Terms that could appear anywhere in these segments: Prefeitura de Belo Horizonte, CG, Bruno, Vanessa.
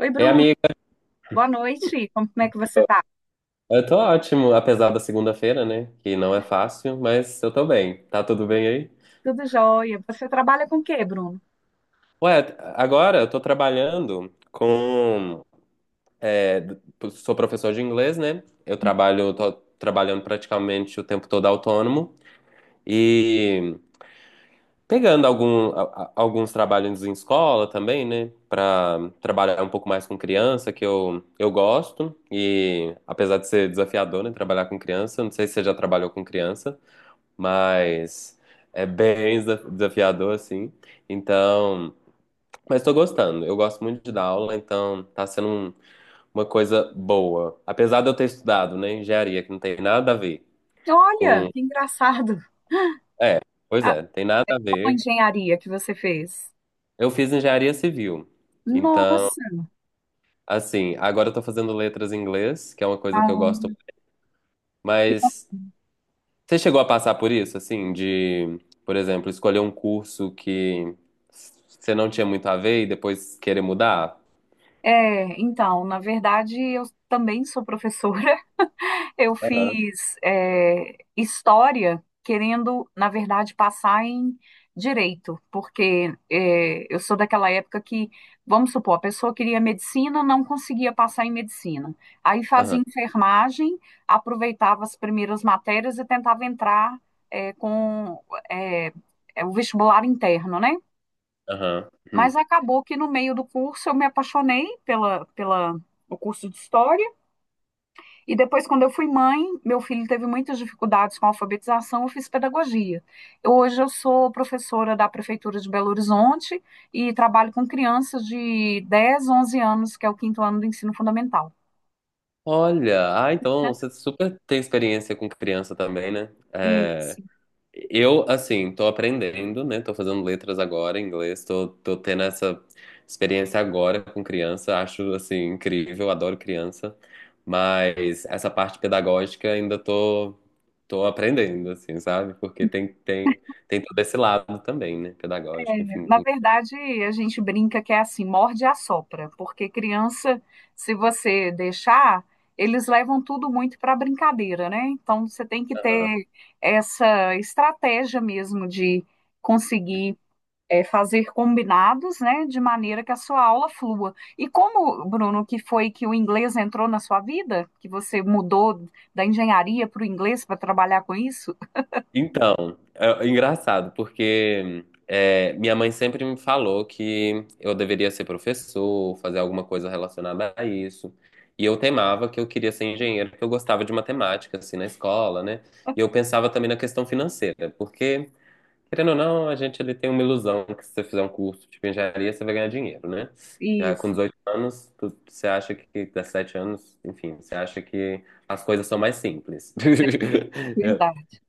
Oi, Ei, Bruno. amiga, Boa noite. Como é que você tá? eu tô ótimo, apesar da segunda-feira, né? Que não é fácil, mas eu tô bem. Tá tudo bem aí? Tudo jóia. Você trabalha com o quê, Bruno? Ué, agora eu tô trabalhando com. é, sou professor de inglês, né? Eu trabalho, tô trabalhando praticamente o tempo todo autônomo e pegando alguns trabalhos em escola também, né? Pra trabalhar um pouco mais com criança, que eu gosto. E apesar de ser desafiador, né? Trabalhar com criança, não sei se você já trabalhou com criança. Mas é bem desafiador, assim. Então, mas tô gostando. Eu gosto muito de dar aula, então tá sendo uma coisa boa. Apesar de eu ter estudado, né, engenharia, que não tem nada a ver Olha, com. que engraçado. É, pois A, é, tem nada a a ver. engenharia que você fez. Eu fiz engenharia civil. Então, Nossa, assim, agora eu tô fazendo letras em inglês, que é uma coisa que eu ah, gosto, que bom. mas. Você chegou a passar por isso, assim, de, por exemplo, escolher um curso que você não tinha muito a ver e depois querer mudar? É, então, na verdade, eu também sou professora. Eu Aham, fiz história querendo, na verdade, passar em direito, porque eu sou daquela época que, vamos supor, a pessoa queria medicina, não conseguia passar em medicina. Aí fazia aham, enfermagem, aproveitava as primeiras matérias e tentava entrar com é, o vestibular interno, né? aham. Mas Hum. acabou que no meio do curso eu me apaixonei o curso de história. E depois, quando eu fui mãe, meu filho teve muitas dificuldades com a alfabetização, eu fiz pedagogia. Hoje eu sou professora da Prefeitura de Belo Horizonte e trabalho com crianças de 10, 11 anos, que é o quinto ano do ensino fundamental. Olha, ah, então você super tem experiência com criança também, né? E, assim, Eu, assim, tô aprendendo, né? Tô fazendo letras agora em inglês, tô tendo essa experiência agora com criança, acho, assim, incrível, adoro criança, mas essa parte pedagógica ainda tô aprendendo, assim, sabe? Porque tem todo esse lado também, né? Pedagógico, enfim, na com criança. verdade, a gente brinca que é assim, morde e assopra, porque criança, se você deixar, eles levam tudo muito para brincadeira, né? Então, você tem que ter essa estratégia mesmo de conseguir fazer combinados, né, de maneira que a sua aula flua. E como, Bruno, que foi que o inglês entrou na sua vida? Que você mudou da engenharia para o inglês para trabalhar com isso? Então, é engraçado, porque minha mãe sempre me falou que eu deveria ser professor, fazer alguma coisa relacionada a isso. E eu temava que eu queria ser engenheiro, porque eu gostava de matemática, assim, na escola, né? E eu pensava também na questão financeira, porque, querendo ou não, a gente ele tem uma ilusão que se você fizer um curso de engenharia, você vai ganhar dinheiro, né? Já com Isso, 18 anos, você acha que, 17 anos, enfim, você acha que as coisas são mais simples. verdade.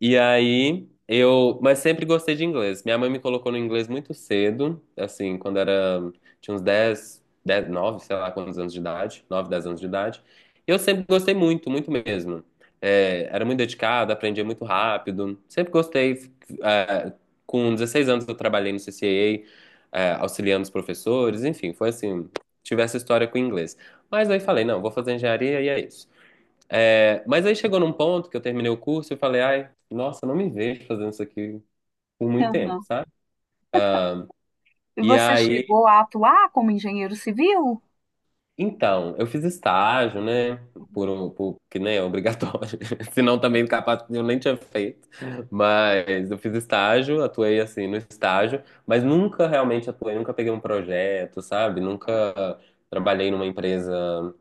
E aí mas sempre gostei de inglês. Minha mãe me colocou no inglês muito cedo, assim, quando era, tinha uns 10 10, 9, sei lá quantos anos de idade, 9 10 anos de idade. E eu sempre gostei muito, muito mesmo. É, era muito dedicado, aprendia muito rápido. Sempre gostei. É, com 16 anos eu trabalhei no CCA, auxiliando os professores, enfim, foi assim, tive essa história com o inglês. Mas aí falei, não, vou fazer engenharia e é isso. É, mas aí chegou num ponto que eu terminei o curso e falei, ai, nossa, não me vejo fazendo isso aqui por muito tempo, Aham. sabe? E E você aí, chegou a atuar como engenheiro civil? então, eu fiz estágio, né? Por que nem é obrigatório, senão também capaz eu nem tinha feito. Mas eu fiz estágio, atuei assim no estágio, mas nunca realmente atuei, nunca peguei um projeto, sabe? Nunca trabalhei numa empresa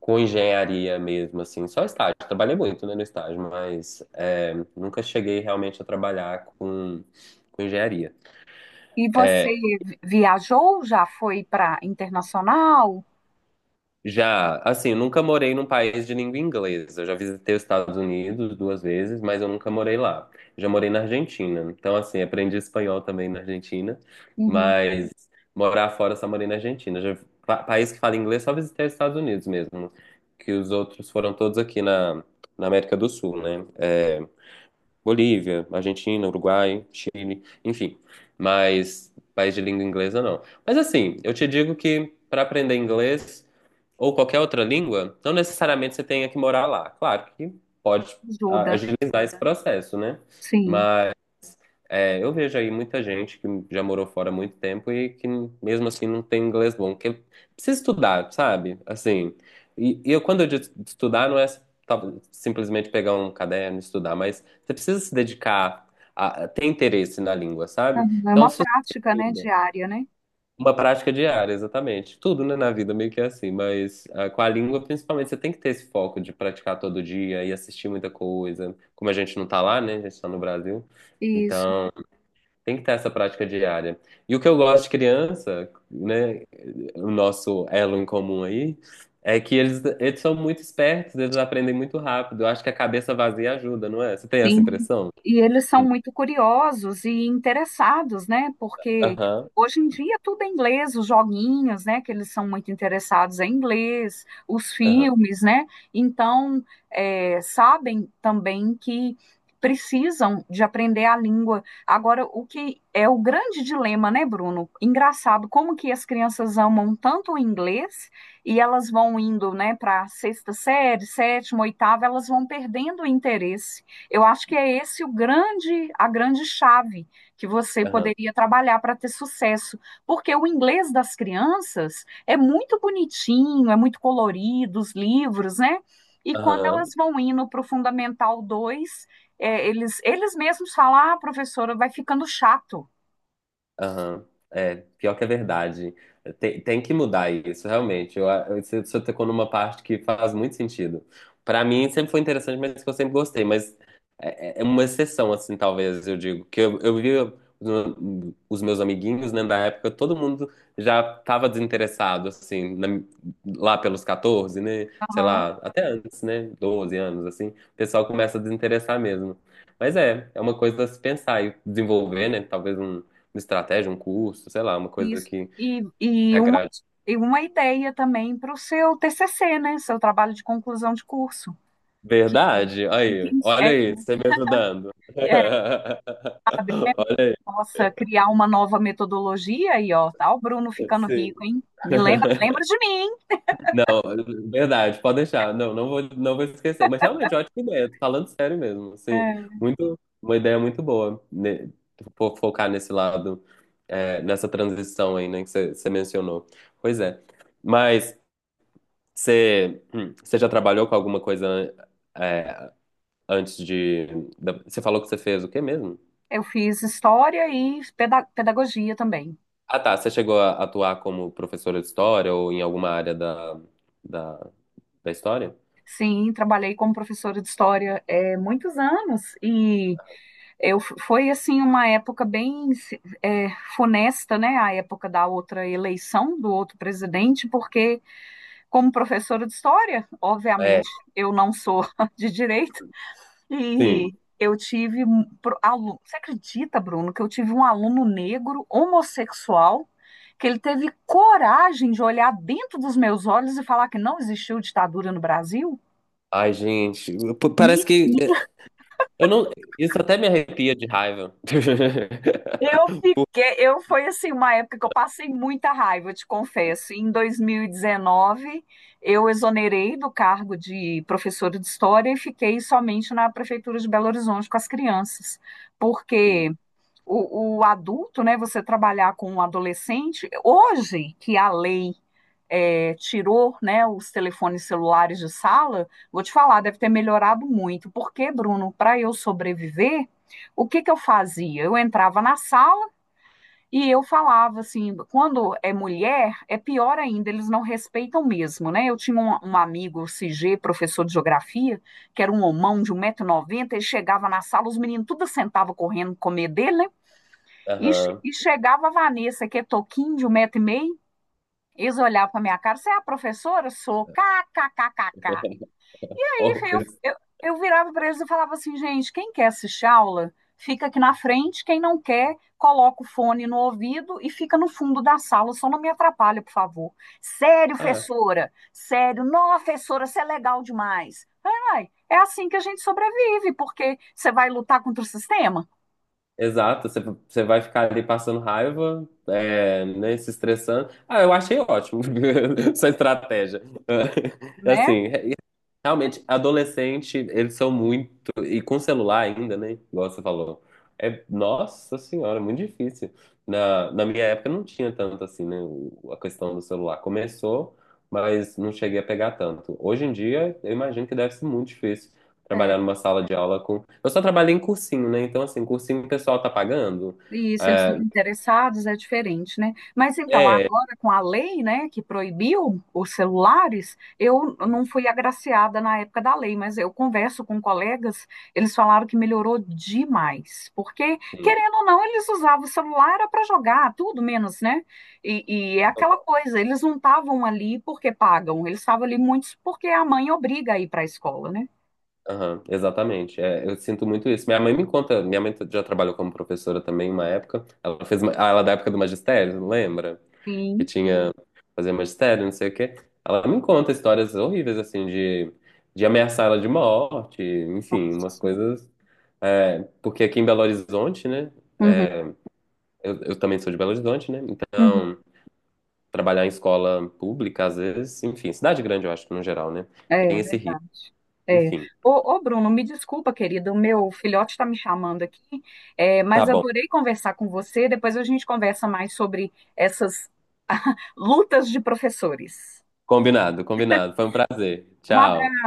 com engenharia mesmo, assim, só estágio. Trabalhei muito, né, no estágio, mas é, nunca cheguei realmente a trabalhar com engenharia. E você viajou? Já foi para internacional? Já, assim, nunca morei num país de língua inglesa. Eu já visitei os Estados Unidos duas vezes, mas eu nunca morei lá. Já morei na Argentina. Então, assim, aprendi espanhol também na Argentina, Uhum, mas morar fora eu só morei na Argentina. Já, país que fala inglês, só visitei os Estados Unidos mesmo, que os outros foram todos aqui na América do Sul, né? É, Bolívia, Argentina, Uruguai, Chile, enfim. Mas país de língua inglesa não. Mas assim, eu te digo que para aprender inglês ou qualquer outra língua, não necessariamente você tenha que morar lá. Claro que pode ajuda, né? agilizar esse processo, né? Sim. É, eu vejo aí muita gente que já morou fora há muito tempo e que mesmo assim não tem inglês bom, que precisa estudar, sabe? Assim, e eu, quando eu digo estudar, não é tá, simplesmente pegar um caderno e estudar, mas você precisa se dedicar a ter interesse na língua, sabe? Aham, é uma Então, se você prática, né, diária, né? uma prática diária, exatamente. Tudo, né, na vida meio que é assim, mas com a língua, principalmente, você tem que ter esse foco de praticar todo dia e assistir muita coisa, como a gente não tá lá, né? A gente tá no Brasil. Isso. Então tem que ter essa prática diária. E o que eu gosto de criança, né, o nosso elo em comum aí, é que eles são muito espertos, eles aprendem muito rápido. Eu acho que a cabeça vazia ajuda, não é? Você tem essa Sim, impressão? e eles são muito curiosos e interessados, né? Porque Aham, hoje em dia tudo é inglês, os joguinhos, né? Que eles são muito interessados em inglês, os aham, filmes, né? Então, sabem também que precisam de aprender a língua. Agora, o que é o grande dilema, né, Bruno? Engraçado, como que as crianças amam tanto o inglês e elas vão indo, né, para sexta série, sétima, oitava, elas vão perdendo o interesse. Eu acho que é esse o grande, a grande chave que você aham, poderia trabalhar para ter sucesso, porque o inglês das crianças é muito bonitinho, é muito colorido, os livros, né? E quando elas aham. vão indo para o Fundamental 2, é, eles mesmos falam, ah, professora, vai ficando chato. Aham. É, pior que é verdade. Tem, tem que mudar isso, realmente. Eu, você você tocou numa parte que faz muito sentido. Pra mim, sempre foi interessante, mas que eu sempre gostei. Mas é uma exceção, assim, talvez, eu digo. Que eu vi os meus amiguinhos, né, da época, todo mundo já tava desinteressado, assim, lá pelos 14, né? Sei Aham, lá, até antes, né? Doze anos, assim. O pessoal começa a desinteressar mesmo. Mas é uma coisa a se pensar e desenvolver, né? Talvez estratégia, um curso, sei lá, uma coisa isso. que E, e uma, agrade. e uma ideia também para o seu TCC, né? Seu trabalho de conclusão de curso, que, Verdade? que Aí, tem- é, olha aí, você me ajudando. é Olha Nossa, criar uma nova metodologia aí, ó, tá o Bruno aí. ficando Sim. rico, hein? Me lembra, lembra de mim. Não, verdade, pode deixar. Não, não vou, não vou esquecer. Mas realmente, ótima ideia. Tô falando sério mesmo, assim, É, muito, uma ideia muito boa, né, focar nesse lado, nessa transição aí, né, que você mencionou. Pois é. Mas você já trabalhou com alguma coisa, é, antes de. Você falou que você fez o quê mesmo? eu fiz história e pedagogia também. Ah, tá. Você chegou a atuar como professora de história ou em alguma área da, da história? Sim, trabalhei como professora de história muitos anos e foi assim uma época bem é, funesta, né? A época da outra eleição do outro presidente, porque como professora de história, É, obviamente eu não sou de direita. sim. E eu tive um aluno. Você acredita, Bruno, que eu tive um aluno negro, homossexual, que ele teve coragem de olhar dentro dos meus olhos e falar que não existiu ditadura no Brasil? Ai, gente, p- Me- parece que eu não. Isso até me arrepia de raiva. Eu Por- fiquei, eu foi assim uma época que eu passei muita raiva, eu te confesso. Em 2019, eu exonerei do cargo de professora de história e fiquei somente na prefeitura de Belo Horizonte com as crianças, porque Sim. o adulto, né, você trabalhar com um adolescente, hoje que a lei tirou né, os telefones celulares de sala, vou te falar, deve ter melhorado muito. Porque, Bruno, para eu sobreviver, o que, que eu fazia? Eu entrava na sala e eu falava assim: quando é mulher, é pior ainda, eles não respeitam mesmo, né? Eu tinha um amigo, o CG, professor de geografia, que era um homão de um 190 noventa. Ele chegava na sala, os meninos tudo sentavam correndo comer dele, né? E, che- Aham. e chegava a Vanessa, que é toquinho de um metro e meio, eles olhavam pra minha cara, você é a professora? Sou, kkkk. Oh, Aí eu, eu, eu virava pra eles e falava assim, gente, quem quer assistir aula, fica aqui na frente, quem não quer, coloca o fone no ouvido e fica no fundo da sala, só não me atrapalha, por favor. Sério, ah, professora, sério, nossa, professora, você é legal demais. Ai, ai, é assim que a gente sobrevive, porque você vai lutar contra o sistema, exato. Você vai ficar ali passando raiva, é, né, se estressando. Ah, eu achei ótimo essa estratégia. né? Assim, realmente, adolescente, eles são muito. E com celular ainda, né? Igual você falou. É, nossa senhora, é muito difícil. Na minha época não tinha tanto assim, né? A questão do celular. Começou, mas não cheguei a pegar tanto. Hoje em dia, eu imagino que deve ser muito difícil É. trabalhar numa sala de aula com. Eu só trabalhei em cursinho, né? Então, assim, cursinho o pessoal tá pagando. E isso, eles estão É, interessados, é diferente, né? Mas então, é, agora com a lei, né, que proibiu os celulares, eu não fui agraciada na época da lei, mas eu converso com colegas, eles falaram que melhorou demais, porque, assim, querendo ou não, eles usavam o celular para jogar, tudo menos, né? E é aquela coisa, eles não estavam ali porque pagam, eles estavam ali muitos porque a mãe obriga a ir para a escola, né? aham, exatamente. É, eu sinto muito isso. Minha mãe me conta, minha mãe já trabalhou como professora também uma época. Ela fez, ela é da época do magistério, não lembra? Que Sim. tinha fazer magistério, não sei o quê. Ela me conta histórias horríveis assim de ameaçar ela de morte, enfim, umas Nossa. coisas. É, porque aqui em Belo Horizonte, né? Eu também sou de Belo Horizonte, né? Então Uhum. trabalhar em escola pública às vezes, enfim, cidade grande eu acho que no geral, né? É é Tem esse risco. verdade. É. Enfim, Ô, ô, Bruno, me desculpa, querido, o meu filhote está me chamando aqui, é, tá mas bom. adorei conversar com você. Depois a gente conversa mais sobre essas lutas de professores. Combinado, combinado. Foi um prazer. Um abraço. Tchau.